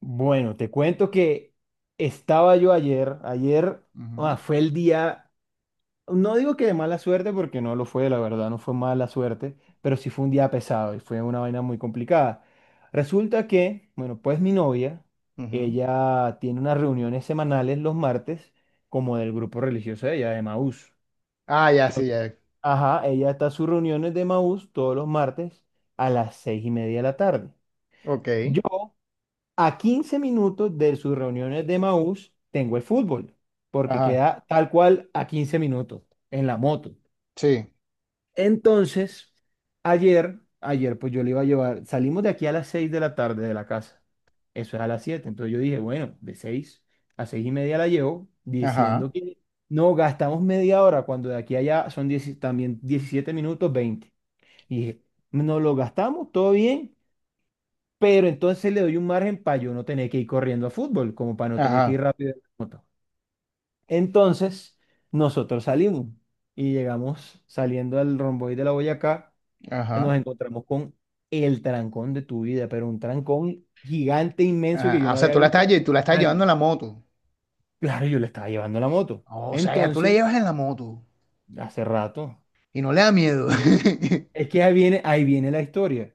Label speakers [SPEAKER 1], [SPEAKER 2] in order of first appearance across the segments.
[SPEAKER 1] Bueno, te cuento que estaba yo ayer.
[SPEAKER 2] Ujú,
[SPEAKER 1] Fue el día, no digo que de mala suerte porque no lo fue, la verdad, no fue mala suerte, pero sí fue un día pesado y fue una vaina muy complicada. Resulta que, bueno, pues mi novia,
[SPEAKER 2] ujú.
[SPEAKER 1] ella tiene unas reuniones semanales los martes como del grupo religioso de ella, de Maús.
[SPEAKER 2] Ah, ya, sí, ya.
[SPEAKER 1] Ajá, ella está a sus reuniones de Maús todos los martes a las 6:30 de la tarde.
[SPEAKER 2] Ok.
[SPEAKER 1] A 15 minutos de sus reuniones de Maús tengo el fútbol, porque
[SPEAKER 2] Ajá,
[SPEAKER 1] queda tal cual a 15 minutos en la moto.
[SPEAKER 2] sí.
[SPEAKER 1] Entonces, ayer pues yo le iba a llevar, salimos de aquí a las 6 de la tarde de la casa, eso es a las 7. Entonces yo dije, bueno, de 6 a 6:30 la llevo, diciendo
[SPEAKER 2] Ajá,
[SPEAKER 1] que no, gastamos media hora, cuando de aquí a allá son 10 también 17 minutos 20. Y dije, no lo gastamos, todo bien, pero entonces le doy un margen para yo no tener que ir corriendo a fútbol, como para no tener que ir
[SPEAKER 2] ajá,
[SPEAKER 1] rápido en la moto. Entonces, nosotros salimos y llegamos saliendo al romboide de la Boyacá, nos
[SPEAKER 2] ajá,
[SPEAKER 1] encontramos con el trancón de tu vida, pero un trancón gigante, inmenso
[SPEAKER 2] ajá.
[SPEAKER 1] que yo
[SPEAKER 2] Ah, o
[SPEAKER 1] no
[SPEAKER 2] sea,
[SPEAKER 1] había visto
[SPEAKER 2] tú la
[SPEAKER 1] en
[SPEAKER 2] estás llevando
[SPEAKER 1] años.
[SPEAKER 2] en la moto.
[SPEAKER 1] Claro, yo le estaba llevando la moto.
[SPEAKER 2] O sea, ya tú la
[SPEAKER 1] Entonces,
[SPEAKER 2] llevas en la moto
[SPEAKER 1] hace rato.
[SPEAKER 2] y no le da miedo.
[SPEAKER 1] Es que ahí viene la historia.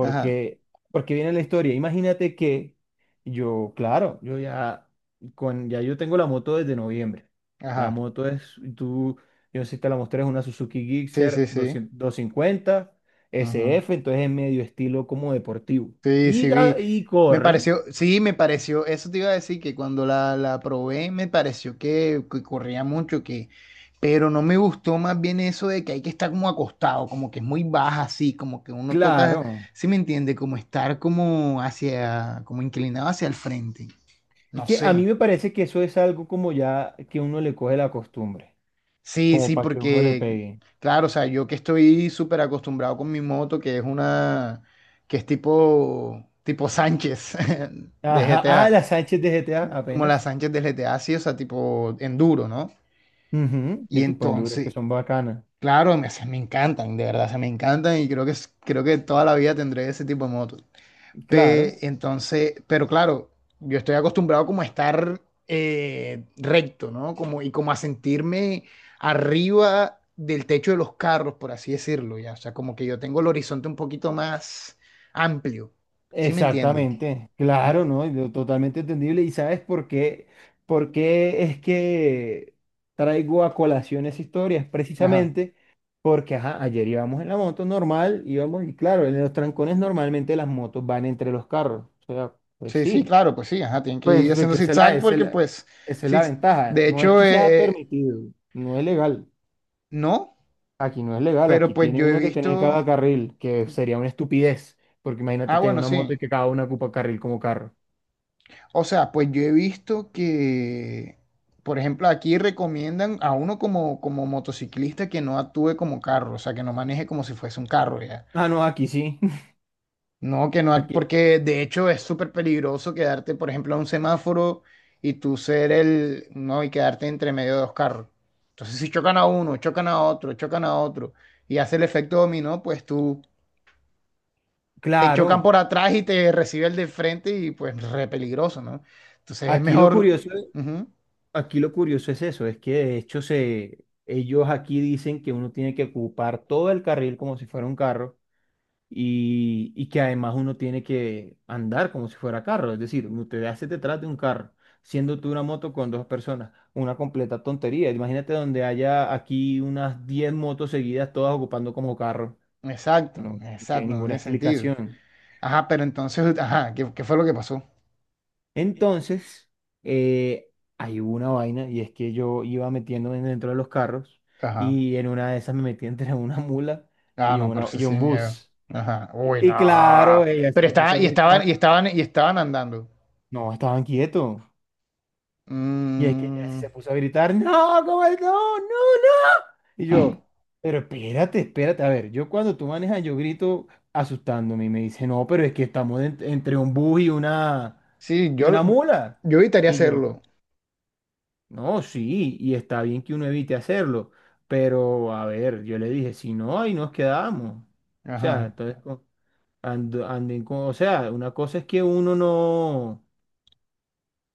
[SPEAKER 2] Ajá,
[SPEAKER 1] porque viene la historia. Imagínate que yo, claro, yo ya, ya yo tengo la moto desde noviembre. La
[SPEAKER 2] ajá.
[SPEAKER 1] moto es, tú, yo no sé si te la mostré, es una Suzuki
[SPEAKER 2] Sí, sí,
[SPEAKER 1] Gixxer
[SPEAKER 2] sí.
[SPEAKER 1] 250 S F, entonces es medio estilo como deportivo.
[SPEAKER 2] Sí,
[SPEAKER 1] Y,
[SPEAKER 2] sí vi.
[SPEAKER 1] y
[SPEAKER 2] Me
[SPEAKER 1] corre,
[SPEAKER 2] pareció, sí, me pareció, eso te iba a decir que cuando la probé, me pareció que corría mucho, que, pero no me gustó más bien eso de que hay que estar como acostado, como que es muy baja así, como que uno toca,
[SPEAKER 1] claro.
[SPEAKER 2] si me entiende, como estar como hacia, como inclinado hacia el frente.
[SPEAKER 1] Es
[SPEAKER 2] No
[SPEAKER 1] que a mí
[SPEAKER 2] sé.
[SPEAKER 1] me parece que eso es algo como ya que uno le coge la costumbre,
[SPEAKER 2] Sí,
[SPEAKER 1] como
[SPEAKER 2] sí,
[SPEAKER 1] para que uno le
[SPEAKER 2] porque,
[SPEAKER 1] pegue.
[SPEAKER 2] claro, o sea, yo que estoy súper acostumbrado con mi moto, que es tipo, tipo Sánchez de
[SPEAKER 1] Ajá, ah,
[SPEAKER 2] GTA.
[SPEAKER 1] la Sánchez de GTA
[SPEAKER 2] Como la
[SPEAKER 1] apenas.
[SPEAKER 2] Sánchez del GTA, sí, o sea, tipo enduro, ¿no?
[SPEAKER 1] Ujú,
[SPEAKER 2] Y
[SPEAKER 1] de tipo enduro, que
[SPEAKER 2] entonces,
[SPEAKER 1] son bacanas.
[SPEAKER 2] claro, o me encantan, de verdad, se me encantan y creo que, creo que toda la vida tendré ese tipo de motos.
[SPEAKER 1] Claro,
[SPEAKER 2] Pero claro, yo estoy acostumbrado como a estar recto, ¿no? Como, y como a sentirme arriba del techo de los carros, por así decirlo, ya. O sea, como que yo tengo el horizonte un poquito más amplio, ¿sí me entiende?
[SPEAKER 1] exactamente, claro, ¿no? Y lo totalmente entendible. ¿Y sabes por qué? ¿Por qué es que traigo a colación esa historia? Es
[SPEAKER 2] Ajá.
[SPEAKER 1] precisamente porque, ajá, ayer íbamos en la moto normal, íbamos, y claro, en los trancones normalmente las motos van entre los carros. O sea, pues
[SPEAKER 2] Sí, sí,
[SPEAKER 1] sí,
[SPEAKER 2] claro, pues sí, ajá, tienen que
[SPEAKER 1] pues
[SPEAKER 2] ir haciendo
[SPEAKER 1] porque
[SPEAKER 2] zigzag porque pues,
[SPEAKER 1] esa es
[SPEAKER 2] sí,
[SPEAKER 1] la ventaja.
[SPEAKER 2] de
[SPEAKER 1] No es
[SPEAKER 2] hecho,
[SPEAKER 1] que sea permitido, no es legal.
[SPEAKER 2] no,
[SPEAKER 1] Aquí no es legal,
[SPEAKER 2] pero
[SPEAKER 1] aquí
[SPEAKER 2] pues
[SPEAKER 1] tiene
[SPEAKER 2] yo he
[SPEAKER 1] uno que tener cada
[SPEAKER 2] visto,
[SPEAKER 1] carril, que sería una estupidez, porque imagínate
[SPEAKER 2] ah,
[SPEAKER 1] tener
[SPEAKER 2] bueno,
[SPEAKER 1] una moto
[SPEAKER 2] sí,
[SPEAKER 1] y que cada una ocupa carril como carro.
[SPEAKER 2] o sea, pues yo he visto que, por ejemplo, aquí recomiendan a uno como, como motociclista que no actúe como carro, o sea, que no maneje como si fuese un carro, ya.
[SPEAKER 1] Ah, no, aquí sí.
[SPEAKER 2] No, que no,
[SPEAKER 1] Aquí,
[SPEAKER 2] porque de hecho es súper peligroso quedarte, por ejemplo, a un semáforo no, y quedarte entre medio de dos carros. Entonces, si chocan a uno, chocan a otro, y hace el efecto dominó, pues tú te chocan
[SPEAKER 1] claro,
[SPEAKER 2] por atrás y te recibe el de frente y pues re peligroso, ¿no? Entonces es
[SPEAKER 1] aquí lo
[SPEAKER 2] mejor.
[SPEAKER 1] curioso,
[SPEAKER 2] Ujú.
[SPEAKER 1] aquí lo curioso es eso, es que de hecho se, ellos aquí dicen que uno tiene que ocupar todo el carril como si fuera un carro. Y, y que además uno tiene que andar como si fuera carro, es decir, usted hace detrás de un carro, siendo tú una moto con dos personas, una completa tontería. Imagínate donde haya aquí unas 10 motos seguidas, todas ocupando como carro,
[SPEAKER 2] Exacto,
[SPEAKER 1] no tiene
[SPEAKER 2] exacto, no
[SPEAKER 1] ninguna
[SPEAKER 2] tiene sentido.
[SPEAKER 1] explicación.
[SPEAKER 2] Ajá, pero entonces, ajá, qué fue lo que pasó?
[SPEAKER 1] Entonces, eh, hay una vaina y es que yo iba metiéndome dentro de los carros
[SPEAKER 2] Ajá.
[SPEAKER 1] y en una de esas me metí entre una mula
[SPEAKER 2] Ah,
[SPEAKER 1] y,
[SPEAKER 2] no, pero
[SPEAKER 1] una,
[SPEAKER 2] eso
[SPEAKER 1] y
[SPEAKER 2] sí
[SPEAKER 1] un
[SPEAKER 2] miedo.
[SPEAKER 1] bus.
[SPEAKER 2] Ajá. Uy,
[SPEAKER 1] Y claro,
[SPEAKER 2] no.
[SPEAKER 1] ella
[SPEAKER 2] Pero
[SPEAKER 1] se puso a
[SPEAKER 2] estaban, y
[SPEAKER 1] gritar,
[SPEAKER 2] estaban, y estaban, y estaban andando.
[SPEAKER 1] no, estaban quietos. Y es que ella
[SPEAKER 2] Mm.
[SPEAKER 1] se puso a gritar, no, ¿cómo es? No, no. Y yo, pero espérate. A ver, yo cuando tú manejas, yo grito asustándome y me dice, no, pero es que estamos entre un bus
[SPEAKER 2] Sí,
[SPEAKER 1] y una mula.
[SPEAKER 2] yo evitaría
[SPEAKER 1] Y yo,
[SPEAKER 2] hacerlo.
[SPEAKER 1] no, sí, y está bien que uno evite hacerlo, pero a ver, yo le dije, si no, ahí nos quedamos. O sea,
[SPEAKER 2] Ajá.
[SPEAKER 1] entonces, anden con, o sea, una cosa es que uno no.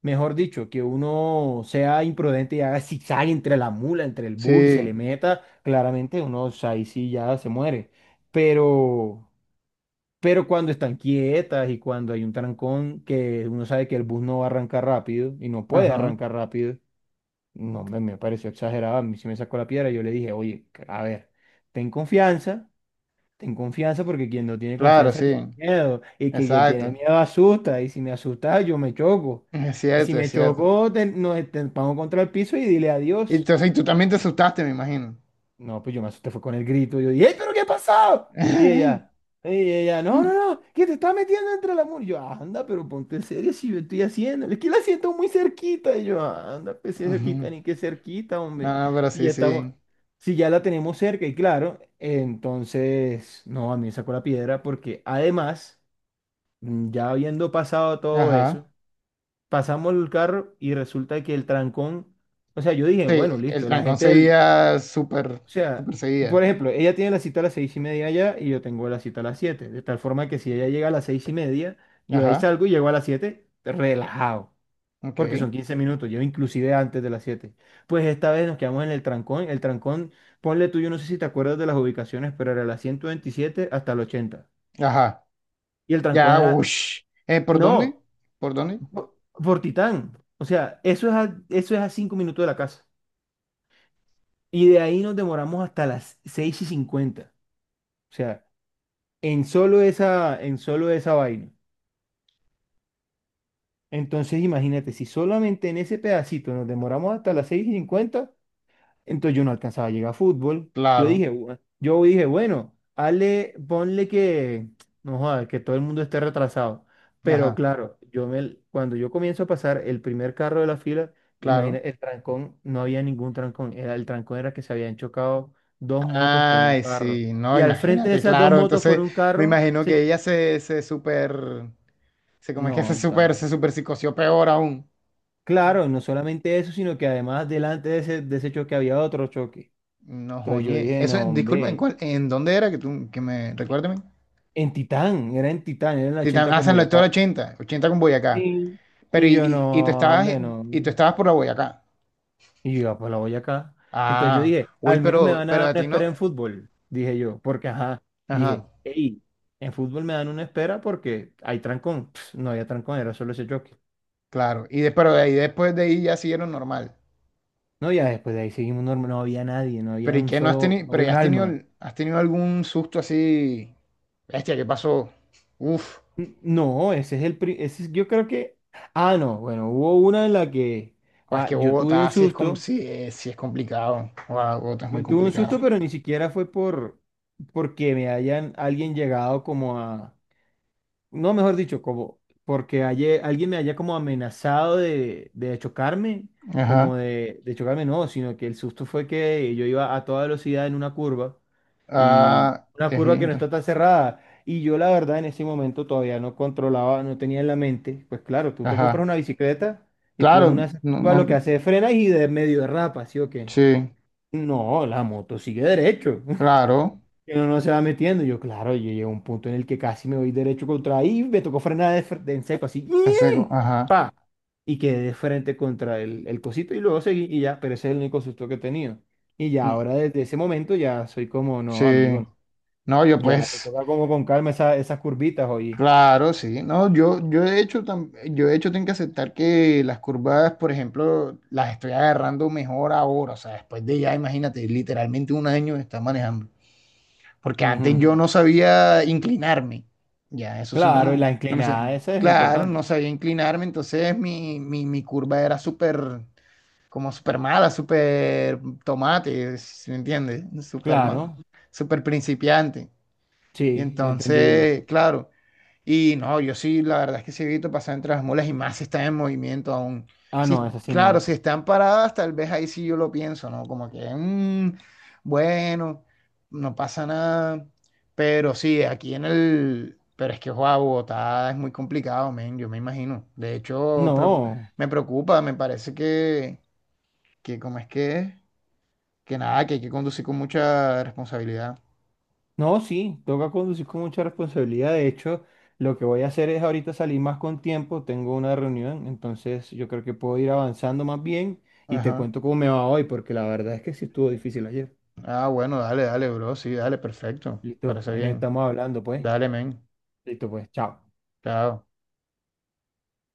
[SPEAKER 1] Mejor dicho, que uno sea imprudente y haga zigzag entre la mula, entre el bus y se
[SPEAKER 2] Sí.
[SPEAKER 1] le meta, claramente uno o sea, ahí sí ya se muere. Pero, pero cuando están quietas y cuando hay un trancón que uno sabe que el bus no va a arrancar rápido y no puede
[SPEAKER 2] Ajá.
[SPEAKER 1] arrancar rápido, no, me pareció exagerado. A mí sí me sacó la piedra. Yo le dije, oye, a ver, ten confianza. Ten confianza porque quien no tiene
[SPEAKER 2] Claro,
[SPEAKER 1] confianza
[SPEAKER 2] sí.
[SPEAKER 1] tiene miedo y que quien tiene
[SPEAKER 2] Exacto.
[SPEAKER 1] miedo asusta y si me asusta yo me choco
[SPEAKER 2] Es
[SPEAKER 1] y si
[SPEAKER 2] cierto, es
[SPEAKER 1] me
[SPEAKER 2] cierto.
[SPEAKER 1] choco nos estampamos contra el piso y dile
[SPEAKER 2] Y
[SPEAKER 1] adiós.
[SPEAKER 2] entonces, y tú también te asustaste, me imagino.
[SPEAKER 1] No, pues yo me asusté, fue con el grito. Yo dije, ¡ey, pero qué ha pasado! Y ella, no, no, no, que te está metiendo entre la mula. Y yo, anda, pero ponte en serio si yo estoy haciendo. Es que la siento muy cerquita. Y yo, anda, pues si es cerquita,
[SPEAKER 2] Ujú.
[SPEAKER 1] ni que cerquita,
[SPEAKER 2] No,
[SPEAKER 1] hombre.
[SPEAKER 2] no, pero
[SPEAKER 1] Si
[SPEAKER 2] sí,
[SPEAKER 1] ya estamos,
[SPEAKER 2] sí.
[SPEAKER 1] si ya la tenemos cerca, y claro, entonces, no, a mí me sacó la piedra porque además, ya habiendo pasado todo
[SPEAKER 2] Ajá.
[SPEAKER 1] eso, pasamos el carro y resulta que el trancón, o sea, yo dije,
[SPEAKER 2] Sí,
[SPEAKER 1] bueno,
[SPEAKER 2] el
[SPEAKER 1] listo, la
[SPEAKER 2] trancón
[SPEAKER 1] gente del
[SPEAKER 2] seguía súper,
[SPEAKER 1] o sea,
[SPEAKER 2] súper
[SPEAKER 1] por
[SPEAKER 2] seguía.
[SPEAKER 1] ejemplo, ella tiene la cita a las 6:30 allá y yo tengo la cita a las 7. De tal forma que si ella llega a las 6:30, yo de ahí
[SPEAKER 2] Ajá.
[SPEAKER 1] salgo y llego a las 7 relajado. Porque son
[SPEAKER 2] Ok.
[SPEAKER 1] 15 minutos, yo inclusive antes de las 7. Pues esta vez nos quedamos en el trancón. El trancón, ponle tú, yo no sé si te acuerdas de las ubicaciones, pero era la 127 hasta la 80.
[SPEAKER 2] Ajá.
[SPEAKER 1] Y el trancón
[SPEAKER 2] Ya,
[SPEAKER 1] era,
[SPEAKER 2] ush. ¿Por dónde?
[SPEAKER 1] no,
[SPEAKER 2] ¿Por dónde?
[SPEAKER 1] por Titán. O sea, eso es a 5 minutos de la casa. Y de ahí nos demoramos hasta las 6:50. O sea, en solo esa vaina. Entonces, imagínate, si solamente en ese pedacito nos demoramos hasta las seis y cincuenta, entonces yo no alcanzaba a llegar a fútbol. Yo
[SPEAKER 2] Claro,
[SPEAKER 1] dije, yo dije, bueno, hazle, ponle que, no jodas, que todo el mundo esté retrasado". Pero
[SPEAKER 2] ajá,
[SPEAKER 1] claro, cuando yo comienzo a pasar el primer carro de la fila, imagina,
[SPEAKER 2] claro.
[SPEAKER 1] el trancón, no había ningún trancón, era, el trancón era que se habían chocado dos motos con un
[SPEAKER 2] Ay,
[SPEAKER 1] carro.
[SPEAKER 2] sí, no,
[SPEAKER 1] Y al frente de
[SPEAKER 2] imagínate,
[SPEAKER 1] esas dos
[SPEAKER 2] claro.
[SPEAKER 1] motos con
[SPEAKER 2] Entonces,
[SPEAKER 1] un
[SPEAKER 2] me
[SPEAKER 1] carro,
[SPEAKER 2] imagino que
[SPEAKER 1] se,
[SPEAKER 2] ella se, se super, se, como es que
[SPEAKER 1] no, está.
[SPEAKER 2] se super psicoció peor aún.
[SPEAKER 1] Claro, no solamente eso, sino que además delante de ese choque había otro choque.
[SPEAKER 2] No,
[SPEAKER 1] Entonces yo
[SPEAKER 2] oye,
[SPEAKER 1] dije,
[SPEAKER 2] eso,
[SPEAKER 1] no,
[SPEAKER 2] disculpa,
[SPEAKER 1] hombre,
[SPEAKER 2] en dónde era que recuérdame?
[SPEAKER 1] en Titán, era en Titán, era en la
[SPEAKER 2] Titán,
[SPEAKER 1] 80
[SPEAKER 2] ah,
[SPEAKER 1] con
[SPEAKER 2] San Lector
[SPEAKER 1] Boyacá.
[SPEAKER 2] 80, 80 con Boyacá.
[SPEAKER 1] Sí. Y yo,
[SPEAKER 2] ¿Y tú
[SPEAKER 1] no,
[SPEAKER 2] estabas,
[SPEAKER 1] hombre, no.
[SPEAKER 2] y tú estabas por la Boyacá?
[SPEAKER 1] Y yo, "Ah, pues la Boyacá". Entonces yo dije, al menos me van a
[SPEAKER 2] Pero
[SPEAKER 1] dar
[SPEAKER 2] a
[SPEAKER 1] una
[SPEAKER 2] ti no,
[SPEAKER 1] espera en fútbol, dije yo, porque ajá, dije,
[SPEAKER 2] ajá,
[SPEAKER 1] hey, en fútbol me dan una espera porque hay trancón. Pss, no había trancón, era solo ese choque.
[SPEAKER 2] claro. Pero de ahí, después de ahí ya siguieron normal.
[SPEAKER 1] No, ya después de ahí seguimos normal, no había nadie,
[SPEAKER 2] Pero ¿y qué no has tenido?
[SPEAKER 1] no
[SPEAKER 2] Pero
[SPEAKER 1] había
[SPEAKER 2] ya
[SPEAKER 1] un alma.
[SPEAKER 2] has tenido algún susto así. Bestia, ¿qué pasó? Uf,
[SPEAKER 1] No, ese es el... ese es... yo creo que... Ah, no, bueno, hubo una en la que...
[SPEAKER 2] guau, es
[SPEAKER 1] ah,
[SPEAKER 2] que Bogotá sí es, com- sí es complicado. Guau, Bogotá es muy ¿un
[SPEAKER 1] yo tuve un
[SPEAKER 2] complicado.
[SPEAKER 1] susto, pero ni siquiera fue por... porque me hayan alguien llegado como a... No, mejor dicho, como... porque alguien me haya como amenazado de chocarme,
[SPEAKER 2] Ajá.
[SPEAKER 1] de chocarme, no, sino que el susto fue que yo iba a toda velocidad en una curva. Y
[SPEAKER 2] Ah,
[SPEAKER 1] una
[SPEAKER 2] ejí,
[SPEAKER 1] curva que no
[SPEAKER 2] entonces,
[SPEAKER 1] está tan cerrada. Y yo la verdad en ese momento todavía no controlaba, no tenía en la mente, pues claro, tú te compras
[SPEAKER 2] ajá.
[SPEAKER 1] una bicicleta y tú en
[SPEAKER 2] Claro,
[SPEAKER 1] una
[SPEAKER 2] no,
[SPEAKER 1] curva lo
[SPEAKER 2] no,
[SPEAKER 1] que haces es frenas y de medio derrapa, ¿sí o qué?
[SPEAKER 2] sí,
[SPEAKER 1] No, la moto sigue derecho,
[SPEAKER 2] claro.
[SPEAKER 1] que no, no se va metiendo. Yo claro, yo llegué a un punto en el que casi me voy derecho contra ahí, me tocó frenar de, de en seco así,
[SPEAKER 2] Ese go-
[SPEAKER 1] ¡ñe!
[SPEAKER 2] ajá.
[SPEAKER 1] Pa, y quedé de frente contra el cosito y luego seguí y ya, pero ese es el único susto que he tenido. Y ya
[SPEAKER 2] Mm,
[SPEAKER 1] ahora desde ese momento ya soy como,
[SPEAKER 2] sí.
[SPEAKER 1] no, amigo.
[SPEAKER 2] No, yo
[SPEAKER 1] Ya, te
[SPEAKER 2] pues.
[SPEAKER 1] toca como con calma esas curvitas, oye.
[SPEAKER 2] Claro, sí. No, yo de hecho, yo de hecho tengo que aceptar que las curvas, por ejemplo, las estoy agarrando mejor ahora. O sea, después de ya, imagínate, literalmente un año de estar manejando. Porque antes
[SPEAKER 1] Ujú.
[SPEAKER 2] yo, ujú, no sabía inclinarme. Ya, eso sí, no,
[SPEAKER 1] Claro, y la
[SPEAKER 2] no me
[SPEAKER 1] inclinada,
[SPEAKER 2] sabía.
[SPEAKER 1] esa es
[SPEAKER 2] Claro,
[SPEAKER 1] importante.
[SPEAKER 2] no sabía inclinarme. Entonces mi curva era súper, como súper mala, súper tomate, ¿sí me entiendes? Súper ma-
[SPEAKER 1] Claro,
[SPEAKER 2] ujú, súper principiante. Y
[SPEAKER 1] sí, entendible.
[SPEAKER 2] entonces, claro. Y no, yo sí, la verdad es que sí evito pasar entre las mulas y más si están en movimiento aún.
[SPEAKER 1] Ah,
[SPEAKER 2] Sí,
[SPEAKER 1] no, esa sí
[SPEAKER 2] claro,
[SPEAKER 1] no.
[SPEAKER 2] si están paradas, tal vez ahí sí yo lo pienso, ¿no? Como que, mm, bueno, no pasa nada. Pero sí, aquí en el... Pero es que, guau, Bogotá es muy complicado, men, yo me imagino. De hecho, no,
[SPEAKER 1] No,
[SPEAKER 2] me preocupa, me parece que ¿cómo es? Que nada, que hay que conducir con mucha responsabilidad.
[SPEAKER 1] no, sí, toca conducir con mucha responsabilidad. De hecho, lo que voy a hacer es ahorita salir más con tiempo, tengo una reunión, entonces yo creo que puedo ir avanzando más bien y te
[SPEAKER 2] Ajá.
[SPEAKER 1] cuento cómo me va hoy, porque la verdad es que sí estuvo difícil ayer.
[SPEAKER 2] Ah, bueno, dale, dale, bro, sí, dale, perfecto.
[SPEAKER 1] Listo,
[SPEAKER 2] Parece
[SPEAKER 1] ahí nos
[SPEAKER 2] bien.
[SPEAKER 1] estamos hablando, pues.
[SPEAKER 2] Dale, men.
[SPEAKER 1] Listo, pues, chao.
[SPEAKER 2] Chao.